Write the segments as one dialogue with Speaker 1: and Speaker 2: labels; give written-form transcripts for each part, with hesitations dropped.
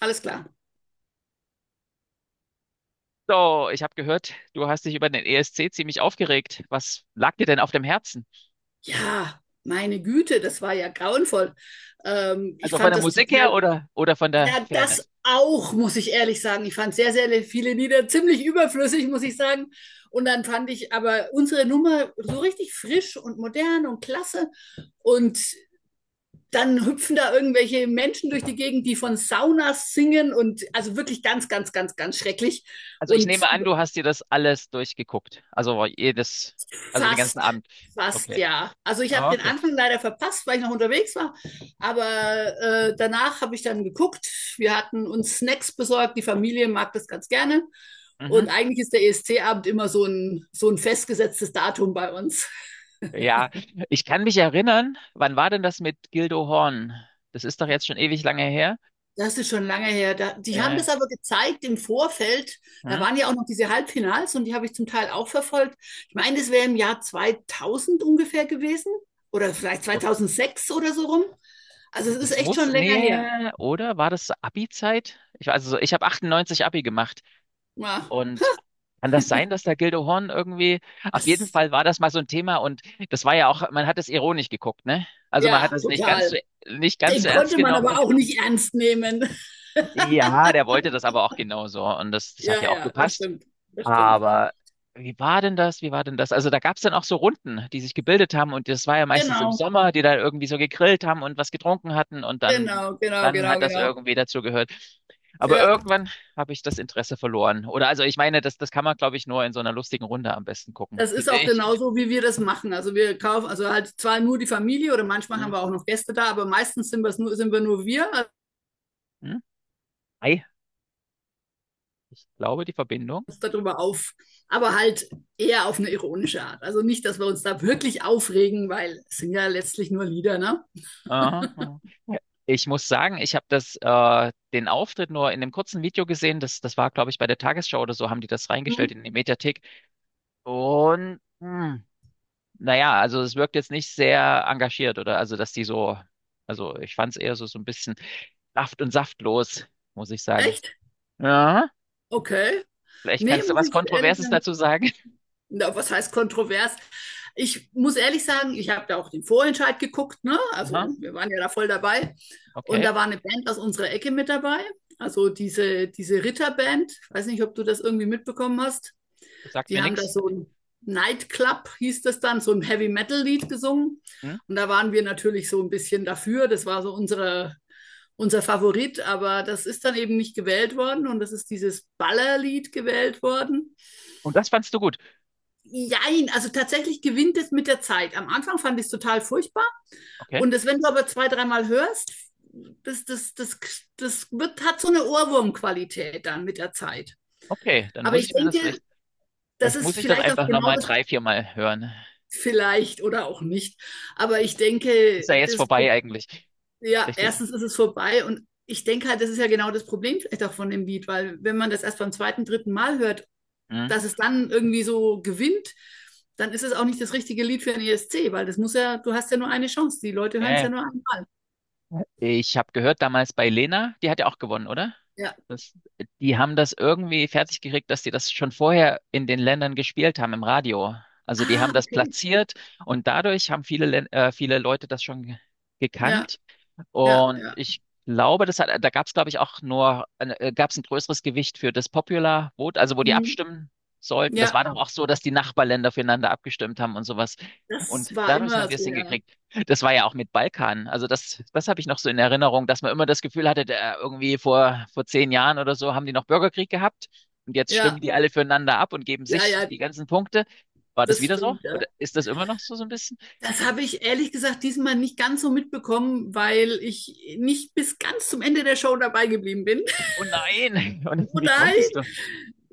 Speaker 1: Alles klar.
Speaker 2: So, ich habe gehört, du hast dich über den ESC ziemlich aufgeregt. Was lag dir denn auf dem Herzen?
Speaker 1: Ja, meine Güte, das war ja grauenvoll. Ich
Speaker 2: Also von
Speaker 1: fand
Speaker 2: der
Speaker 1: das
Speaker 2: Musik her
Speaker 1: total,
Speaker 2: oder von der
Speaker 1: ja, das
Speaker 2: Fairness?
Speaker 1: auch, muss ich ehrlich sagen. Ich fand sehr, sehr viele Lieder ziemlich überflüssig, muss ich sagen. Und dann fand ich aber unsere Nummer so richtig frisch und modern und klasse. Und dann hüpfen da irgendwelche Menschen durch die Gegend, die von Saunas singen und also wirklich ganz, ganz, ganz, ganz schrecklich.
Speaker 2: Also ich
Speaker 1: Und
Speaker 2: nehme an, du hast dir das alles durchgeguckt. Also den ganzen
Speaker 1: Fast,
Speaker 2: Abend.
Speaker 1: fast,
Speaker 2: Okay.
Speaker 1: ja. Also ich habe den
Speaker 2: Okay.
Speaker 1: Anfang leider verpasst, weil ich noch unterwegs war. Aber danach habe ich dann geguckt. Wir hatten uns Snacks besorgt. Die Familie mag das ganz gerne. Und
Speaker 2: Mhm.
Speaker 1: eigentlich ist der ESC-Abend immer so ein festgesetztes Datum bei uns.
Speaker 2: Ja, ich kann mich erinnern, wann war denn das mit Gildo Horn? Das ist doch jetzt schon ewig lange her.
Speaker 1: Das ist schon lange her. Da, die haben
Speaker 2: Äh,
Speaker 1: das aber gezeigt im Vorfeld. Da
Speaker 2: hm?
Speaker 1: waren ja auch noch diese Halbfinals und die habe ich zum Teil auch verfolgt. Ich meine, das wäre im Jahr 2000 ungefähr gewesen oder vielleicht
Speaker 2: Oh.
Speaker 1: 2006 oder so rum. Also es ist
Speaker 2: Das
Speaker 1: echt
Speaker 2: muss,
Speaker 1: schon länger her.
Speaker 2: nee, oder war das Abi-Zeit? Also ich habe 98 Abi gemacht.
Speaker 1: Ja,
Speaker 2: Und kann das sein, dass der Gildehorn irgendwie, auf jeden
Speaker 1: das,
Speaker 2: Fall war das mal so ein Thema und das war ja auch, man hat es ironisch geguckt, ne? Also man hat
Speaker 1: ja,
Speaker 2: es nicht ganz so,
Speaker 1: total.
Speaker 2: nicht ganz
Speaker 1: Den
Speaker 2: so ernst
Speaker 1: konnte man
Speaker 2: genommen.
Speaker 1: aber auch nicht ernst nehmen.
Speaker 2: Ja, der wollte das aber auch genauso und das hat
Speaker 1: Ja,
Speaker 2: ja auch
Speaker 1: ja, das
Speaker 2: gepasst.
Speaker 1: stimmt. Das stimmt.
Speaker 2: Aber wie war denn das? Wie war denn das? Also da gab es dann auch so Runden, die sich gebildet haben, und das war ja meistens im
Speaker 1: Genau,
Speaker 2: Sommer, die dann irgendwie so gegrillt haben und was getrunken hatten und dann,
Speaker 1: genau, genau,
Speaker 2: dann
Speaker 1: genau,
Speaker 2: hat das
Speaker 1: genau.
Speaker 2: irgendwie dazu gehört. Aber
Speaker 1: Ja,
Speaker 2: irgendwann habe ich das Interesse verloren. Oder also ich meine, das kann man, glaube ich, nur in so einer lustigen Runde am besten gucken,
Speaker 1: das ist
Speaker 2: finde
Speaker 1: auch
Speaker 2: ich.
Speaker 1: genauso, wie wir das machen. Also wir kaufen, also halt zwar nur die Familie oder manchmal
Speaker 2: Hm?
Speaker 1: haben wir auch noch Gäste da, aber meistens sind, wir's nur, sind wir nur wir, also
Speaker 2: Hm? Ei, ich glaube, die Verbindung.
Speaker 1: uns darüber auf, aber halt eher auf eine ironische Art. Also nicht, dass wir uns da wirklich aufregen, weil es sind ja letztlich nur Lieder, ne?
Speaker 2: Aha. Aha. Ja. Ich muss sagen, ich habe das den Auftritt nur in einem kurzen Video gesehen. Das war, glaube ich, bei der Tagesschau oder so, haben die das
Speaker 1: Hm?
Speaker 2: reingestellt in die Mediathek. Und naja, also es wirkt jetzt nicht sehr engagiert, oder? Also, ich fand es eher so, so ein bisschen saft- und saftlos, muss ich sagen.
Speaker 1: Echt?
Speaker 2: Ja,
Speaker 1: Okay.
Speaker 2: vielleicht
Speaker 1: Nee,
Speaker 2: kannst du
Speaker 1: muss
Speaker 2: was
Speaker 1: ich ehrlich
Speaker 2: Kontroverses
Speaker 1: sagen.
Speaker 2: dazu sagen.
Speaker 1: Na, was heißt kontrovers? Ich muss ehrlich sagen, ich habe da auch den Vorentscheid geguckt, ne?
Speaker 2: Aha,
Speaker 1: Also wir waren ja da voll dabei. Und
Speaker 2: okay,
Speaker 1: da war eine Band aus unserer Ecke mit dabei. Also diese Ritterband, ich weiß nicht, ob du das irgendwie mitbekommen hast.
Speaker 2: das sagt
Speaker 1: Die
Speaker 2: mir
Speaker 1: haben da
Speaker 2: nichts.
Speaker 1: so ein Nightclub, hieß das dann, so ein Heavy Metal-Lied gesungen.
Speaker 2: Hm?
Speaker 1: Und da waren wir natürlich so ein bisschen dafür. Das war so unser Favorit, aber das ist dann eben nicht gewählt worden und das ist dieses Ballerlied gewählt worden.
Speaker 2: Und das fandst du gut.
Speaker 1: Jein, also tatsächlich gewinnt es mit der Zeit. Am Anfang fand ich es total furchtbar.
Speaker 2: Okay,
Speaker 1: Und das, wenn du aber zwei, dreimal hörst, das, das, das, hat so eine Ohrwurmqualität dann mit der Zeit.
Speaker 2: okay, dann
Speaker 1: Aber
Speaker 2: muss
Speaker 1: ich
Speaker 2: ich mir das
Speaker 1: denke,
Speaker 2: vielleicht,
Speaker 1: das
Speaker 2: vielleicht
Speaker 1: ist
Speaker 2: muss ich das
Speaker 1: vielleicht auch
Speaker 2: einfach
Speaker 1: genau
Speaker 2: nochmal
Speaker 1: das,
Speaker 2: drei, viermal hören.
Speaker 1: vielleicht oder auch nicht. Aber ich
Speaker 2: Ist
Speaker 1: denke,
Speaker 2: ja jetzt
Speaker 1: das,
Speaker 2: vorbei eigentlich.
Speaker 1: ja,
Speaker 2: Vielleicht,
Speaker 1: erstens ist es vorbei und ich denke halt, das ist ja genau das Problem vielleicht auch von dem Lied, weil wenn man das erst beim zweiten, dritten Mal hört,
Speaker 2: hm?
Speaker 1: dass es dann irgendwie so gewinnt, dann ist es auch nicht das richtige Lied für den ESC, weil das muss ja, du hast ja nur eine Chance. Die Leute
Speaker 2: Ja,
Speaker 1: hören es ja
Speaker 2: ja.
Speaker 1: nur einmal.
Speaker 2: Ich habe gehört, damals bei Lena, die hat ja auch gewonnen, oder?
Speaker 1: Ja.
Speaker 2: Das, die haben das irgendwie fertig gekriegt, dass die das schon vorher in den Ländern gespielt haben im Radio. Also die haben
Speaker 1: Ah,
Speaker 2: das
Speaker 1: okay.
Speaker 2: platziert, und dadurch haben viele Leute das schon ge-
Speaker 1: Ja,
Speaker 2: gekannt
Speaker 1: ja,
Speaker 2: Und
Speaker 1: ja.
Speaker 2: ich glaube, da gab es, glaube ich, auch nur, gab es ein größeres Gewicht für das Popular Vote, also wo die
Speaker 1: Hm.
Speaker 2: abstimmen sollten. Das
Speaker 1: Ja,
Speaker 2: war doch auch so, dass die Nachbarländer füreinander abgestimmt haben und sowas.
Speaker 1: das
Speaker 2: Und
Speaker 1: war
Speaker 2: dadurch haben
Speaker 1: immer
Speaker 2: wir es
Speaker 1: so, ja.
Speaker 2: hingekriegt. Das war ja auch mit Balkan. Also das, das habe ich noch so in Erinnerung, dass man immer das Gefühl hatte, der, irgendwie vor 10 Jahren oder so haben die noch Bürgerkrieg gehabt, und jetzt
Speaker 1: Ja,
Speaker 2: stimmen die alle füreinander ab und geben
Speaker 1: ja,
Speaker 2: sich
Speaker 1: ja,
Speaker 2: die ganzen Punkte. War das
Speaker 1: das
Speaker 2: wieder so?
Speaker 1: stimmt, ja.
Speaker 2: Oder ist das immer noch so, so ein bisschen?
Speaker 1: Das habe ich ehrlich gesagt diesmal nicht ganz so mitbekommen, weil ich nicht bis ganz zum Ende der Show dabei geblieben bin.
Speaker 2: Oh nein! Und
Speaker 1: Oh
Speaker 2: wie
Speaker 1: nein!
Speaker 2: konntest du?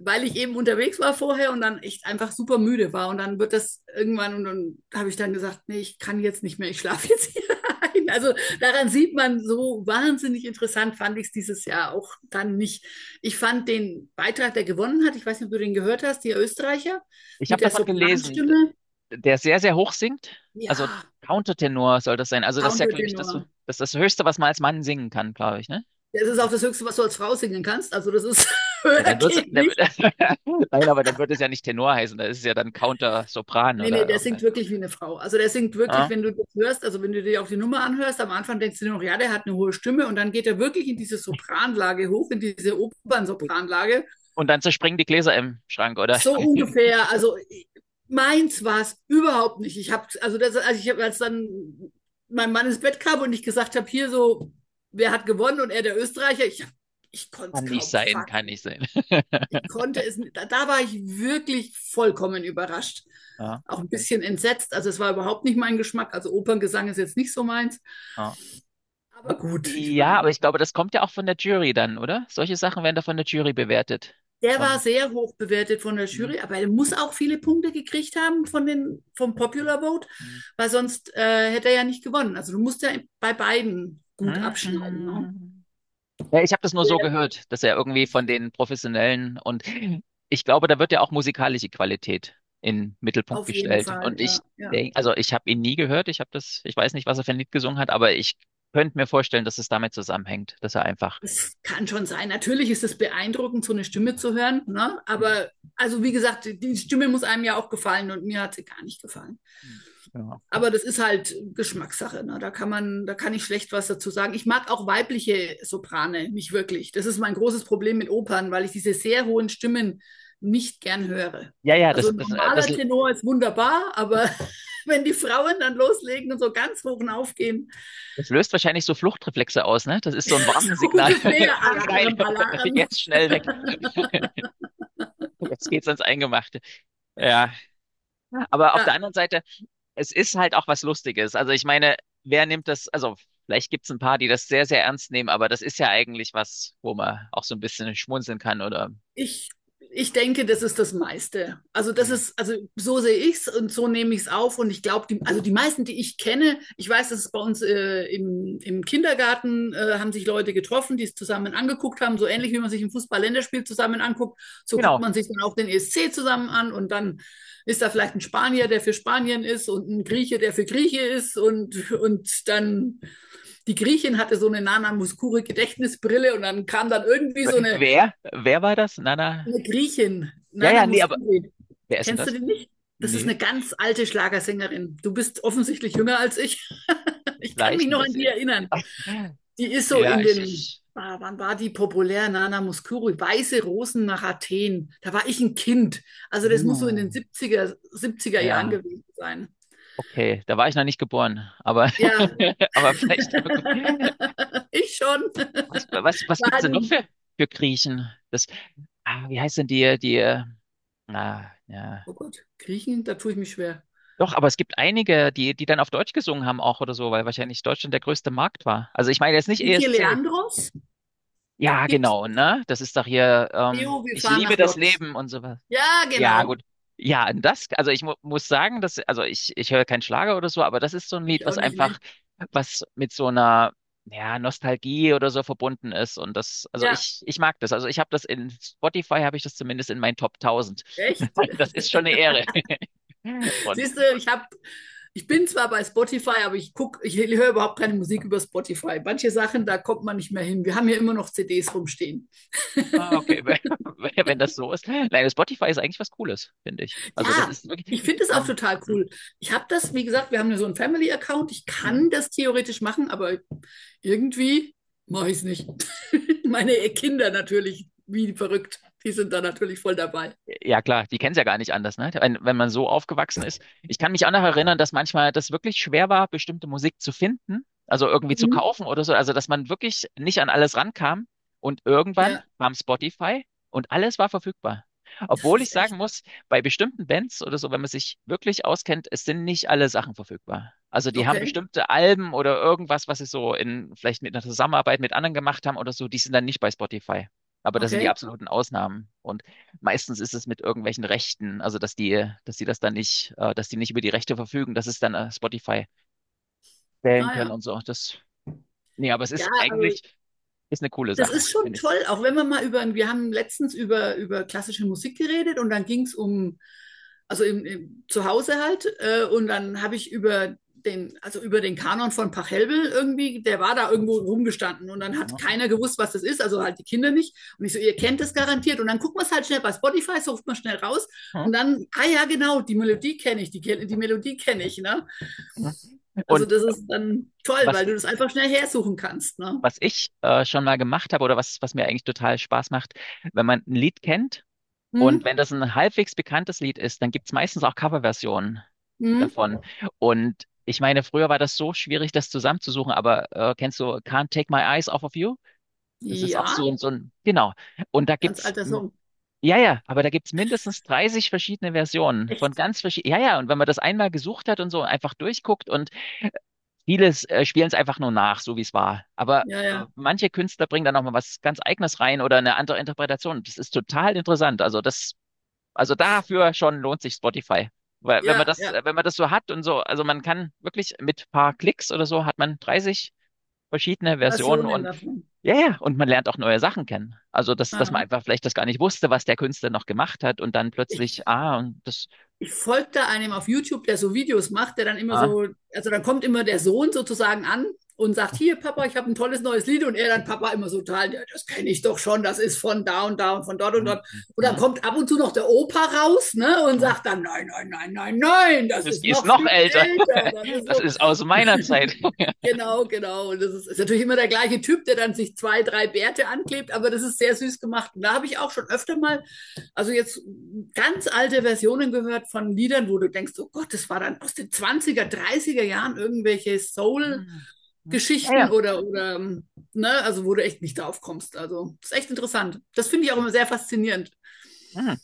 Speaker 1: Weil ich eben unterwegs war vorher und dann echt einfach super müde war. Und dann wird das irgendwann, und dann habe ich dann gesagt, nee, ich kann jetzt nicht mehr, ich schlafe jetzt hier ein. Also daran sieht man, so wahnsinnig interessant fand ich es dieses Jahr auch dann nicht. Ich fand den Beitrag, der gewonnen hat, ich weiß nicht, ob du den gehört hast, die Österreicher
Speaker 2: Ich
Speaker 1: mit
Speaker 2: habe
Speaker 1: der
Speaker 2: davon gelesen.
Speaker 1: Sopranstimme.
Speaker 2: Der sehr, sehr hoch singt. Also
Speaker 1: Ja,
Speaker 2: Countertenor soll das sein. Also das ist ja, glaube ich, das,
Speaker 1: Countertenor.
Speaker 2: das, das Höchste, was man als Mann singen kann, glaube ich, ne?
Speaker 1: Das ist auch
Speaker 2: Das,
Speaker 1: das Höchste, was du als Frau singen kannst. Also das ist
Speaker 2: ja,
Speaker 1: höher
Speaker 2: dann wird's,
Speaker 1: geht
Speaker 2: dann, wird-
Speaker 1: nicht.
Speaker 2: Nein, aber dann wird es ja nicht Tenor heißen, da ist es ja dann Counter-Sopran
Speaker 1: Nee, nee,
Speaker 2: oder
Speaker 1: der
Speaker 2: irgendeine.
Speaker 1: singt wirklich wie eine Frau. Also der singt wirklich,
Speaker 2: Ja?
Speaker 1: wenn du das hörst, also wenn du dir auch die Nummer anhörst, am Anfang denkst du dir noch, ja, der hat eine hohe Stimme und dann geht er wirklich in diese Sopranlage hoch, in diese Opernsopranlage.
Speaker 2: Und dann zerspringen die Gläser im Schrank, oder?
Speaker 1: So ungefähr, also meins war es überhaupt nicht. Ich habe, also das, als dann mein Mann ins Bett kam und ich gesagt habe, hier so, wer hat gewonnen und er der Österreicher, ich konnte es
Speaker 2: Kann nicht
Speaker 1: kaum
Speaker 2: sein, kann nicht
Speaker 1: fassen,
Speaker 2: sein.
Speaker 1: ich konnte es, da war ich wirklich vollkommen überrascht.
Speaker 2: Ja,
Speaker 1: Auch ein
Speaker 2: okay.
Speaker 1: bisschen entsetzt. Also es war überhaupt nicht mein Geschmack. Also Operngesang ist jetzt nicht so meins.
Speaker 2: Ja.
Speaker 1: Aber gut, ich
Speaker 2: Ja,
Speaker 1: meine,
Speaker 2: aber ich glaube, das kommt ja auch von der Jury dann, oder? Solche Sachen werden da von der Jury bewertet.
Speaker 1: der war
Speaker 2: Und.
Speaker 1: sehr hoch bewertet von der
Speaker 2: Mhm.
Speaker 1: Jury, aber er muss auch viele Punkte gekriegt haben von den, vom Popular Vote, weil sonst hätte er ja nicht gewonnen. Also du musst ja bei beiden gut abschneiden. Ne?
Speaker 2: Mhm. Ja, ich habe das nur so gehört, dass er irgendwie von den Professionellen, und ich glaube, da wird ja auch musikalische Qualität in den Mittelpunkt
Speaker 1: Auf jeden
Speaker 2: gestellt.
Speaker 1: Fall,
Speaker 2: Und ich
Speaker 1: ja. Ja.
Speaker 2: denk, also ich habe ihn nie gehört, ich weiß nicht, was er für ein Lied gesungen hat, aber ich könnte mir vorstellen, dass es damit zusammenhängt, dass er einfach
Speaker 1: Es kann schon sein. Natürlich ist es beeindruckend, so eine Stimme zu hören. Ne?
Speaker 2: Hm,
Speaker 1: Aber also wie gesagt, die Stimme muss einem ja auch gefallen und mir hat sie gar nicht gefallen.
Speaker 2: hm, ja,
Speaker 1: Aber das ist halt Geschmackssache. Ne? Da kann man, da kann ich schlecht was dazu sagen. Ich mag auch weibliche Soprane nicht wirklich. Das ist mein großes Problem mit Opern, weil ich diese sehr hohen Stimmen nicht gern höre.
Speaker 2: ja, ja,
Speaker 1: Also
Speaker 2: das,
Speaker 1: ein
Speaker 2: das, äh, das,
Speaker 1: normaler Tenor ist wunderbar, aber wenn die Frauen dann loslegen und so ganz hoch aufgehen,
Speaker 2: das löst wahrscheinlich so Fluchtreflexe aus, ne? Das ist so ein Warnsignal.
Speaker 1: ungefähr
Speaker 2: Oh nein,
Speaker 1: Alarm, Alarm.
Speaker 2: jetzt schnell weg. Jetzt geht's ans Eingemachte. Ja. Aber auf der
Speaker 1: Ja.
Speaker 2: anderen Seite, es ist halt auch was Lustiges. Also ich meine, wer nimmt das, also vielleicht gibt's ein paar, die das sehr, sehr ernst nehmen, aber das ist ja eigentlich was, wo man auch so ein bisschen schmunzeln kann oder
Speaker 1: Ich, ich denke, das ist das meiste. Also das
Speaker 2: ja.
Speaker 1: ist, also so sehe ich es und so nehme ich es auf. Und ich glaube, die, also die meisten, die ich kenne, ich weiß, dass es bei uns im Kindergarten haben sich Leute getroffen, die es zusammen angeguckt haben, so ähnlich wie man sich ein Fußball-Länderspiel zusammen anguckt. So guckt
Speaker 2: Genau.
Speaker 1: man sich dann auch den ESC zusammen an und dann ist da vielleicht ein Spanier, der für Spanien ist und ein Grieche, der für Grieche ist und dann die Griechin hatte so eine Nana Mouskouri Gedächtnisbrille und dann kam dann irgendwie so
Speaker 2: Wer? Wer war das? Nana?
Speaker 1: eine Griechin,
Speaker 2: Ja,
Speaker 1: Nana
Speaker 2: ja, nee, aber
Speaker 1: Mouskouri.
Speaker 2: wer ist denn
Speaker 1: Kennst du
Speaker 2: das?
Speaker 1: die nicht? Das ist
Speaker 2: Nee,
Speaker 1: eine ganz alte Schlagersängerin. Du bist offensichtlich jünger als ich. Ich kann
Speaker 2: vielleicht
Speaker 1: mich
Speaker 2: ein
Speaker 1: noch an die
Speaker 2: bisschen.
Speaker 1: erinnern. Die ist so
Speaker 2: Ja,
Speaker 1: in
Speaker 2: ich,
Speaker 1: den,
Speaker 2: ich.
Speaker 1: ah, wann war die populär? Nana Mouskouri, Weiße Rosen nach Athen. Da war ich ein Kind. Also das muss so in
Speaker 2: Uh.
Speaker 1: den 70er, 70er Jahren
Speaker 2: Ja,
Speaker 1: gewesen sein.
Speaker 2: okay. Da war ich noch nicht geboren, aber
Speaker 1: Ja,
Speaker 2: aber vielleicht irgendwie.
Speaker 1: ich schon.
Speaker 2: Was, was,
Speaker 1: Ich
Speaker 2: was gibt's
Speaker 1: halt
Speaker 2: denn noch für, Griechen? Wie heißt denn die, ah, ja.
Speaker 1: Oh Gott, Griechen, da tue ich mich schwer.
Speaker 2: Doch, aber es gibt einige, die, die dann auf Deutsch gesungen haben auch oder so, weil wahrscheinlich Deutschland der größte Markt war. Also ich meine jetzt nicht
Speaker 1: Vicky
Speaker 2: ESC.
Speaker 1: Leandros,
Speaker 2: Ja,
Speaker 1: gibt
Speaker 2: genau, ne? Das ist doch hier,
Speaker 1: Jo, wir
Speaker 2: ich
Speaker 1: fahren
Speaker 2: liebe
Speaker 1: nach
Speaker 2: das
Speaker 1: Lodz.
Speaker 2: Leben und so.
Speaker 1: Ja,
Speaker 2: Ja,
Speaker 1: genau.
Speaker 2: gut. Ja, und das, also ich mu muss sagen, dass, also ich höre keinen Schlager oder so, aber das ist so ein Lied,
Speaker 1: Ich auch
Speaker 2: was
Speaker 1: nicht, ne?
Speaker 2: einfach, was mit so einer, ja, Nostalgie oder so verbunden ist. Und das, also
Speaker 1: Ja,
Speaker 2: ich mag das. Also ich habe das in Spotify, habe ich das zumindest in meinen Top 1000.
Speaker 1: echt?
Speaker 2: Das ist schon eine Ehre. Und,
Speaker 1: Siehst du, ich bin zwar bei Spotify, aber ich guck, ich höre überhaupt keine Musik über Spotify. Manche Sachen, da kommt man nicht mehr hin. Wir haben hier immer noch CDs rumstehen.
Speaker 2: ah, okay, wenn das so ist. Nein, Spotify ist eigentlich was Cooles, finde ich. Also das
Speaker 1: Ja,
Speaker 2: ist
Speaker 1: ich
Speaker 2: wirklich,
Speaker 1: finde es auch
Speaker 2: man,
Speaker 1: total
Speaker 2: hm,
Speaker 1: cool. Ich habe das, wie gesagt, wir haben ja so einen Family-Account. Ich
Speaker 2: hm.
Speaker 1: kann das theoretisch machen, aber irgendwie mache ich es nicht. Meine Kinder natürlich, wie verrückt. Die sind da natürlich voll dabei.
Speaker 2: Ja, klar, die kennen es ja gar nicht anders, ne? Wenn man so aufgewachsen ist. Ich kann mich auch noch erinnern, dass manchmal das wirklich schwer war, bestimmte Musik zu finden, also irgendwie zu
Speaker 1: Mhm.
Speaker 2: kaufen oder so. Also, dass man wirklich nicht an alles rankam. Und irgendwann
Speaker 1: Ja,
Speaker 2: kam Spotify, und alles war verfügbar.
Speaker 1: das
Speaker 2: Obwohl ich
Speaker 1: ist
Speaker 2: sagen
Speaker 1: echt
Speaker 2: muss, bei bestimmten Bands oder so, wenn man sich wirklich auskennt, es sind nicht alle Sachen verfügbar. Also, die haben
Speaker 1: okay.
Speaker 2: bestimmte Alben oder irgendwas, was sie so in, vielleicht mit einer Zusammenarbeit mit anderen gemacht haben oder so, die sind dann nicht bei Spotify. Aber das sind die
Speaker 1: Okay.
Speaker 2: absoluten Ausnahmen. Und meistens ist es mit irgendwelchen Rechten, also dass die das dann nicht, dass die nicht über die Rechte verfügen, dass es dann Spotify wählen
Speaker 1: Ah ja.
Speaker 2: können und so. Das, nee, aber es
Speaker 1: Ja,
Speaker 2: ist
Speaker 1: also
Speaker 2: eigentlich, ist eine coole
Speaker 1: das
Speaker 2: Sache,
Speaker 1: ist schon
Speaker 2: finde ich.
Speaker 1: toll, auch wenn wir mal über, wir haben letztens über klassische Musik geredet und dann ging es um, zu Hause halt, und dann habe ich über den, also über den Kanon von Pachelbel irgendwie, der war da irgendwo rumgestanden und dann hat
Speaker 2: Ja.
Speaker 1: keiner gewusst, was das ist, also halt die Kinder nicht. Und ich so, ihr kennt das garantiert. Und dann guckt man es halt schnell bei Spotify, sucht man schnell raus
Speaker 2: Hm.
Speaker 1: und dann, ah ja, genau, die Melodie kenne ich, die Melodie kenne ich, ne?
Speaker 2: Hm.
Speaker 1: Also
Speaker 2: Und
Speaker 1: das ist dann toll,
Speaker 2: was,
Speaker 1: weil du
Speaker 2: i-
Speaker 1: das einfach schnell hersuchen kannst, ne?
Speaker 2: was ich schon mal gemacht habe oder was, was mir eigentlich total Spaß macht, wenn man ein Lied kennt und
Speaker 1: Hm?
Speaker 2: wenn das ein halbwegs bekanntes Lied ist, dann gibt es meistens auch Coverversionen
Speaker 1: Hm?
Speaker 2: davon. Und ich meine, früher war das so schwierig, das zusammenzusuchen, aber kennst du Can't Take My Eyes Off of You? Das ist auch
Speaker 1: Ja,
Speaker 2: so 'n genau. Und da
Speaker 1: ganz
Speaker 2: gibt's
Speaker 1: alter Song.
Speaker 2: ja, ja, aber da gibt's mindestens 30 verschiedene Versionen von
Speaker 1: Echt.
Speaker 2: ganz verschie ja, ja, und wenn man das einmal gesucht hat und so einfach durchguckt, und vieles, spielen es einfach nur nach, so wie es war. Aber,
Speaker 1: Ja, ja.
Speaker 2: manche Künstler bringen da noch mal was ganz Eigenes rein oder eine andere Interpretation. Das ist total interessant. Also, dafür schon lohnt sich Spotify. Weil wenn man
Speaker 1: Ja,
Speaker 2: das
Speaker 1: ja.
Speaker 2: äh, wenn man das so hat und so also, man kann wirklich mit paar Klicks oder so hat man 30 verschiedene Versionen,
Speaker 1: Versionen
Speaker 2: und
Speaker 1: davon.
Speaker 2: ja, ja, und man lernt auch neue Sachen kennen. Also, dass man
Speaker 1: Aha.
Speaker 2: einfach vielleicht das gar nicht wusste, was der Künstler noch gemacht hat und dann plötzlich,
Speaker 1: Ich,
Speaker 2: ah, und das,
Speaker 1: ich folge einem auf YouTube, der so Videos macht, der dann immer
Speaker 2: ah,
Speaker 1: so, also dann kommt immer der Sohn sozusagen an und sagt, hier Papa, ich habe ein tolles neues Lied und er dann Papa immer so total, ja, das kenne ich doch schon, das ist von da und da und von dort und
Speaker 2: hm,
Speaker 1: dort. Und dann
Speaker 2: hm,
Speaker 1: kommt ab und zu noch der Opa raus ne, und
Speaker 2: hm,
Speaker 1: sagt dann, nein, nein, nein, nein, nein, das
Speaker 2: das
Speaker 1: ist
Speaker 2: ist
Speaker 1: noch
Speaker 2: noch
Speaker 1: viel
Speaker 2: älter.
Speaker 1: älter. Das ist
Speaker 2: Das ist aus meiner Zeit.
Speaker 1: so, genau, genau. Und das ist, ist natürlich immer der gleiche Typ, der dann sich zwei, drei Bärte anklebt, aber das ist sehr süß gemacht. Und da habe ich auch schon öfter mal, also jetzt ganz alte Versionen gehört von Liedern, wo du denkst, oh Gott, das war dann aus den Zwanziger, Dreißiger Jahren irgendwelche Soul-Geschichten
Speaker 2: Hm, hm, naja.
Speaker 1: oder, ne, also wo du echt nicht drauf kommst. Also, das ist echt interessant. Das finde ich auch immer sehr faszinierend.
Speaker 2: Hm.